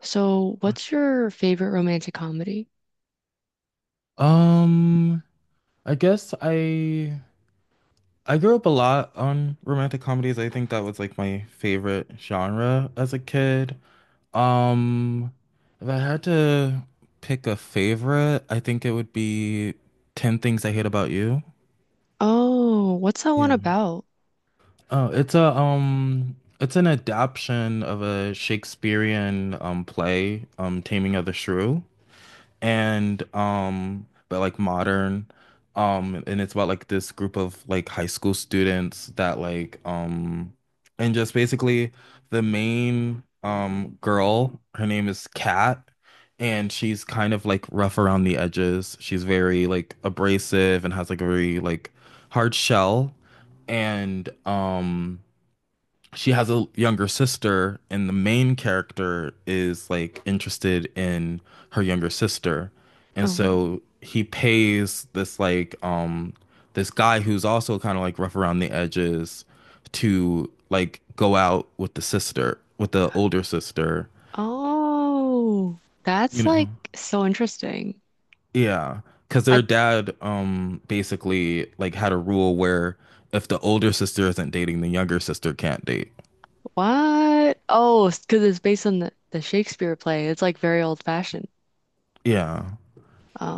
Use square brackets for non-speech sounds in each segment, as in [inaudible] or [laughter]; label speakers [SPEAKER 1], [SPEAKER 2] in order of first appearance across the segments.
[SPEAKER 1] So, what's your favorite romantic comedy?
[SPEAKER 2] Um, I guess I grew up a lot on romantic comedies. I think that was like my favorite genre as a kid. Um, if I had to pick a favorite, I think it would be 10 Things I Hate About You.
[SPEAKER 1] Oh, what's that one
[SPEAKER 2] Yeah.
[SPEAKER 1] about?
[SPEAKER 2] Oh, it's a it's an adaptation of a Shakespearean play, Taming of the Shrew. and um but like modern and it's about like this group of like high school students that like and just basically the main girl, her name is Kat, and she's kind of like rough around the edges. She's very like abrasive and has like a very like hard shell. And she has a younger sister, and the main character is like interested in her younger sister. And
[SPEAKER 1] Oh,
[SPEAKER 2] so he pays this like this guy who's also kind of like rough around the edges to like go out with the sister, with the older sister,
[SPEAKER 1] oh,
[SPEAKER 2] you
[SPEAKER 1] that's
[SPEAKER 2] know.
[SPEAKER 1] like so interesting.
[SPEAKER 2] Yeah, because
[SPEAKER 1] I
[SPEAKER 2] their dad basically like had a rule where if the older sister isn't dating, the younger sister can't date.
[SPEAKER 1] what? Oh, because it's based on the Shakespeare play. It's like very old fashioned.
[SPEAKER 2] Yeah.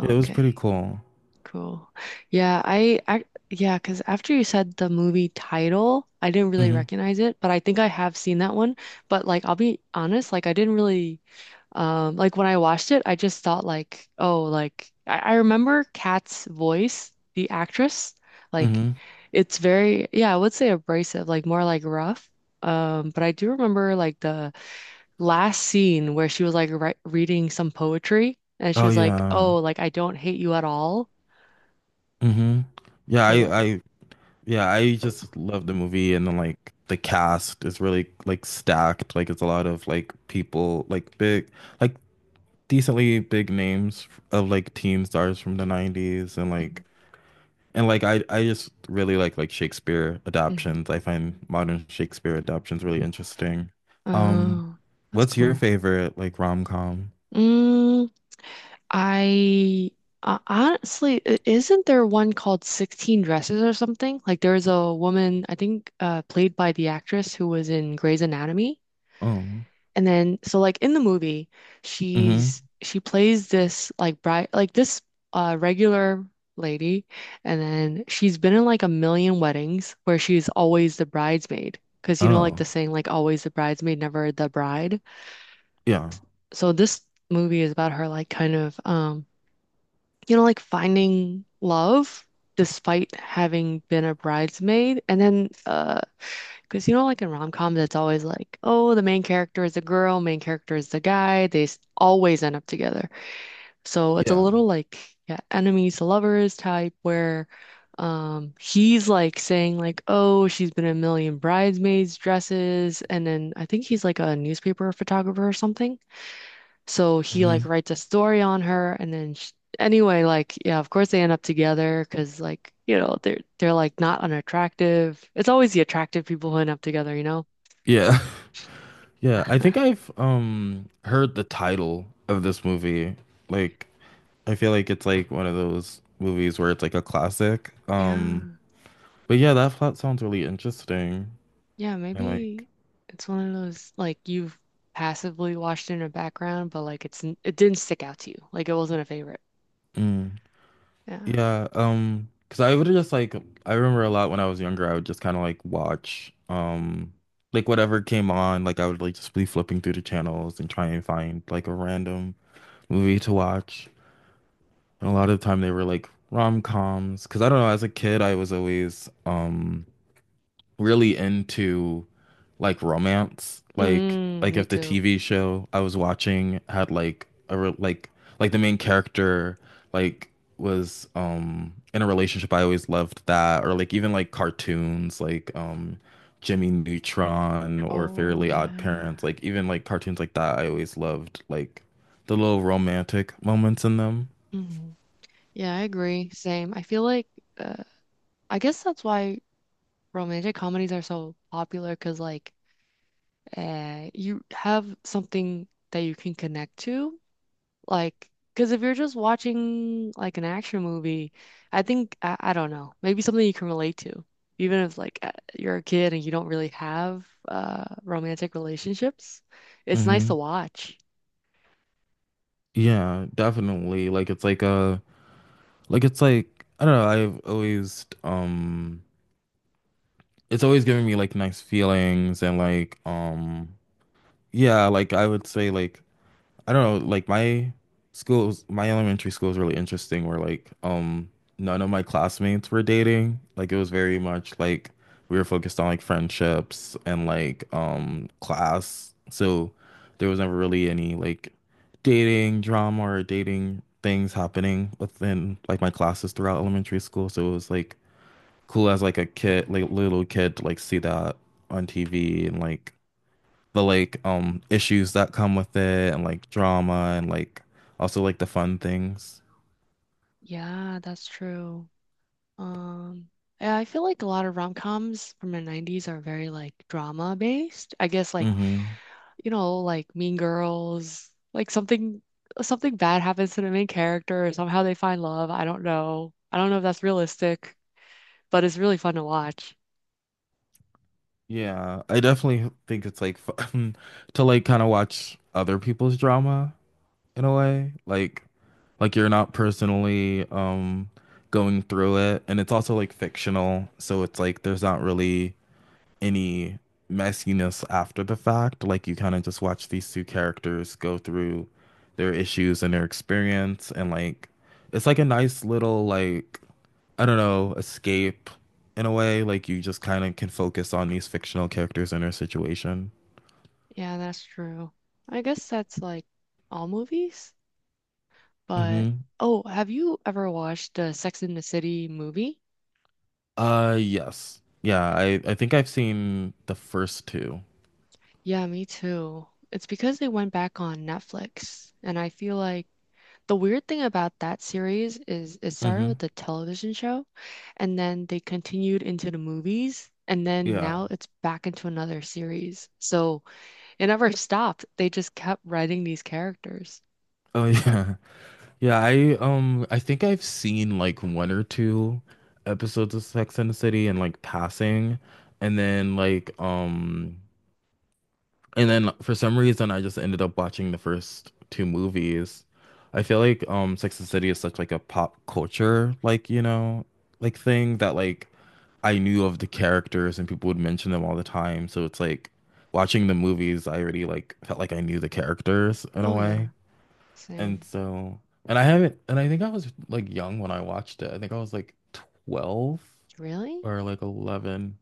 [SPEAKER 2] It was
[SPEAKER 1] okay,
[SPEAKER 2] pretty cool.
[SPEAKER 1] cool. Yeah, I yeah, because after you said the movie title, I didn't really
[SPEAKER 2] hmm
[SPEAKER 1] recognize it, but I think I have seen that one. But like, I'll be honest, like I didn't really. Like when I watched it, I just thought like, oh, like I remember Kat's voice, the actress, like
[SPEAKER 2] hmm
[SPEAKER 1] it's very, yeah, I would say abrasive, like more like rough. But I do remember like the last scene where she was like ri reading some poetry and she
[SPEAKER 2] Oh
[SPEAKER 1] was like,
[SPEAKER 2] yeah.
[SPEAKER 1] oh, like I don't hate you at all.
[SPEAKER 2] hmm Yeah,
[SPEAKER 1] So that,
[SPEAKER 2] I Yeah, I just love the movie and then like the cast is really like stacked. Like it's a lot of like people like big like decently big names of like teen stars from the 90s and like I just really like Shakespeare
[SPEAKER 1] Mhm.
[SPEAKER 2] adaptations. I find modern Shakespeare adaptations really interesting. Um
[SPEAKER 1] Oh, that's
[SPEAKER 2] what's your
[SPEAKER 1] cool.
[SPEAKER 2] favorite like rom-com?
[SPEAKER 1] Mm, I honestly, isn't there one called 16 Dresses or something? Like there's a woman, I think, played by the actress who was in Grey's Anatomy.
[SPEAKER 2] Oh.
[SPEAKER 1] And then, so like in the movie,
[SPEAKER 2] hmm
[SPEAKER 1] she plays this like bride, like this regular lady, and then she's been in like a million weddings where she's always the bridesmaid. Because you know, like the
[SPEAKER 2] Oh.
[SPEAKER 1] saying, like always the bridesmaid, never the bride.
[SPEAKER 2] Yeah.
[SPEAKER 1] So this movie is about her, like you know, like finding love despite having been a bridesmaid. And then, because you know, like in rom-coms, it's always like, oh, the main character is a girl, main character is the guy. They always end up together. So it's a
[SPEAKER 2] Yeah.
[SPEAKER 1] little like, yeah, enemies to lovers type where. He's like saying like, oh, she's been in a million bridesmaids dresses, and then I think he's like a newspaper photographer or something. So he like
[SPEAKER 2] hmm
[SPEAKER 1] writes a story on her and then sh anyway, like yeah, of course they end up together because like, you know, they're like not unattractive. It's always the attractive people who end up together, you know?
[SPEAKER 2] Yeah. [laughs] Yeah, I think
[SPEAKER 1] [laughs]
[SPEAKER 2] I've heard the title of this movie. Like I feel like it's like one of those movies where it's like a classic.
[SPEAKER 1] Yeah.
[SPEAKER 2] But yeah, that plot sounds really interesting.
[SPEAKER 1] Yeah,
[SPEAKER 2] And like
[SPEAKER 1] maybe it's one of those like you've passively watched in the background, but like it's it didn't stick out to you. Like it wasn't a favorite.
[SPEAKER 2] mm,
[SPEAKER 1] Yeah.
[SPEAKER 2] yeah, because I would just like I remember a lot when I was younger, I would just kind of like watch like whatever came on, like I would like just be flipping through the channels and try and find like a random movie to watch. And a lot of the time they were like rom-coms. Because I don't know, as a kid, I was always really into like romance.
[SPEAKER 1] Mm,
[SPEAKER 2] Like
[SPEAKER 1] me
[SPEAKER 2] if the
[SPEAKER 1] too.
[SPEAKER 2] TV show I was watching had like a re like the main character like was in a relationship, I always loved that. Or like even like cartoons like Jimmy Neutron or
[SPEAKER 1] Oh
[SPEAKER 2] Fairly Odd Parents,
[SPEAKER 1] yeah.
[SPEAKER 2] like even like cartoons like that, I always loved like the little romantic moments in them.
[SPEAKER 1] Mhm. Yeah, I agree. Same. I feel like uh I guess that's why romantic comedies are so popular because like you have something that you can connect to like because if you're just watching like an action movie I think I don't know, maybe something you can relate to even if like you're a kid and you don't really have romantic relationships, it's nice
[SPEAKER 2] Mm-hmm.
[SPEAKER 1] to watch.
[SPEAKER 2] Yeah, definitely. Like it's like a like it's like I don't know, I've always it's always giving me like nice feelings and like yeah, like I would say like I don't know, like my schools, my elementary school is really interesting where like none of my classmates were dating. Like it was very much like we were focused on like friendships and like class. So there was never really any like dating drama or dating things happening within like my classes throughout elementary school. So it was like cool as like a kid, like little kid to like see that on TV and like the like issues that come with it and like drama and like also like the fun things.
[SPEAKER 1] Yeah, that's true. um yeah, I feel like a lot of rom-coms from the 90s are very like drama based, I guess, like
[SPEAKER 2] hmm
[SPEAKER 1] you know, like Mean Girls, like something bad happens to the main character, or somehow they find love. I don't know. I don't know if that's realistic, but it's really fun to watch.
[SPEAKER 2] Yeah, I definitely think it's like fun [laughs] to like kind of watch other people's drama in a way. Like you're not personally going through it and it's also like fictional, so it's like there's not really any messiness after the fact. Like you kind of just watch these two characters go through their issues and their experience and like it's like a nice little like I don't know, escape in a way. Like you just kind of can focus on these fictional characters and their situation.
[SPEAKER 1] Yeah, that's true. I guess that's like all movies, but
[SPEAKER 2] hmm
[SPEAKER 1] oh, have you ever watched the Sex and the City movie?
[SPEAKER 2] Uh, yes. Yeah, I think I've seen the first two.
[SPEAKER 1] Yeah, me too. It's because they went back on Netflix, and I feel like the weird thing about that series is it started
[SPEAKER 2] Mm-hmm.
[SPEAKER 1] with a television show and then they continued into the movies and then
[SPEAKER 2] Yeah.
[SPEAKER 1] now it's back into another series. So it never stopped. They just kept writing these characters.
[SPEAKER 2] Oh yeah. [laughs] Yeah, I think I've seen like one or two episodes of Sex and the City and like passing and then like and then for some reason I just ended up watching the first two movies. I feel like Sex and the City is such like a pop culture like, you know, like thing that like I knew of the characters and people would mention them all the time. So it's like watching the movies, I already like felt like I knew the characters in a
[SPEAKER 1] Oh yeah,
[SPEAKER 2] way. And
[SPEAKER 1] same.
[SPEAKER 2] so, and I haven't, and I think I was like young when I watched it. I think I was like 12
[SPEAKER 1] Really?
[SPEAKER 2] or like 11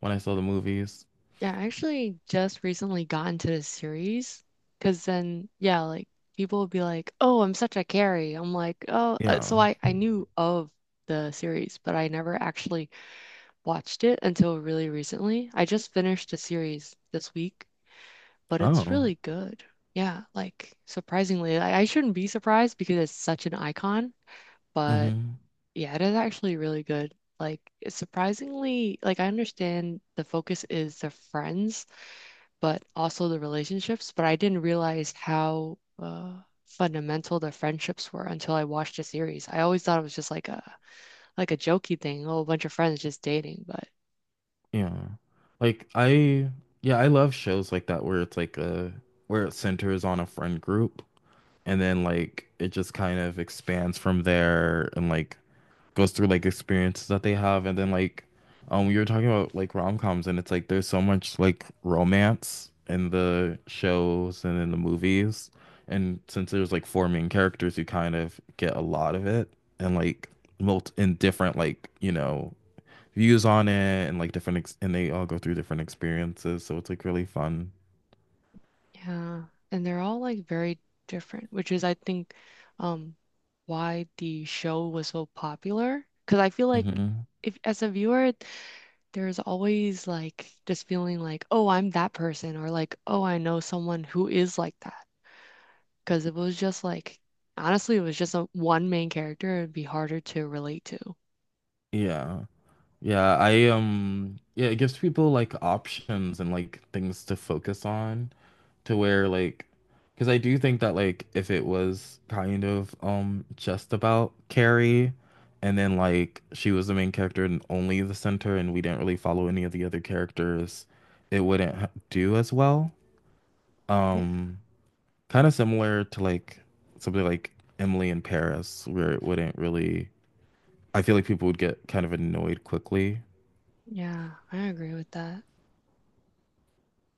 [SPEAKER 2] when I saw the movies.
[SPEAKER 1] Yeah, I actually just recently got into the series because then yeah, like people will be like, "Oh, I'm such a carry." I'm like, "Oh, so
[SPEAKER 2] Yeah.
[SPEAKER 1] I knew of the series, but I never actually watched it until really recently. I just finished a series this week, but it's
[SPEAKER 2] Oh.
[SPEAKER 1] really good. Yeah, like surprisingly, I shouldn't be surprised because it's such an icon, but
[SPEAKER 2] hmm
[SPEAKER 1] yeah, it is actually really good. Like it's surprisingly, like I understand the focus is the friends, but also the relationships, but I didn't realize how fundamental the friendships were until I watched the series. I always thought it was just like a jokey thing, oh, a bunch of friends just dating, but
[SPEAKER 2] Yeah. Like I, yeah, I love shows like that where it's like a, where it centers on a friend group and then like it just kind of expands from there and like goes through like experiences that they have and then like you were talking about like rom-coms and it's like there's so much like romance in the shows and in the movies, and since there's like four main characters you kind of get a lot of it and like mult in different like you know views on it and like different ex- and they all go through different experiences so it's like really fun.
[SPEAKER 1] yeah, and they're all like very different, which is I think um why the show was so popular. Because I feel like
[SPEAKER 2] hmm
[SPEAKER 1] if as a viewer, there's always like just feeling like, oh, I'm that person, or like, oh, I know someone who is like that. Because if it was just like, honestly, it was just a one main character, it'd be harder to relate to.
[SPEAKER 2] yeah, yeah, I yeah, it gives people like options and like things to focus on to where like because I do think that like if it was kind of just about Carrie and then like she was the main character and only the center and we didn't really follow any of the other characters, it wouldn't ha- do as well.
[SPEAKER 1] Yeah,
[SPEAKER 2] Um Kind of similar to like something like Emily in Paris where it wouldn't really I feel like people would get kind of annoyed quickly.
[SPEAKER 1] yeah, I agree with that.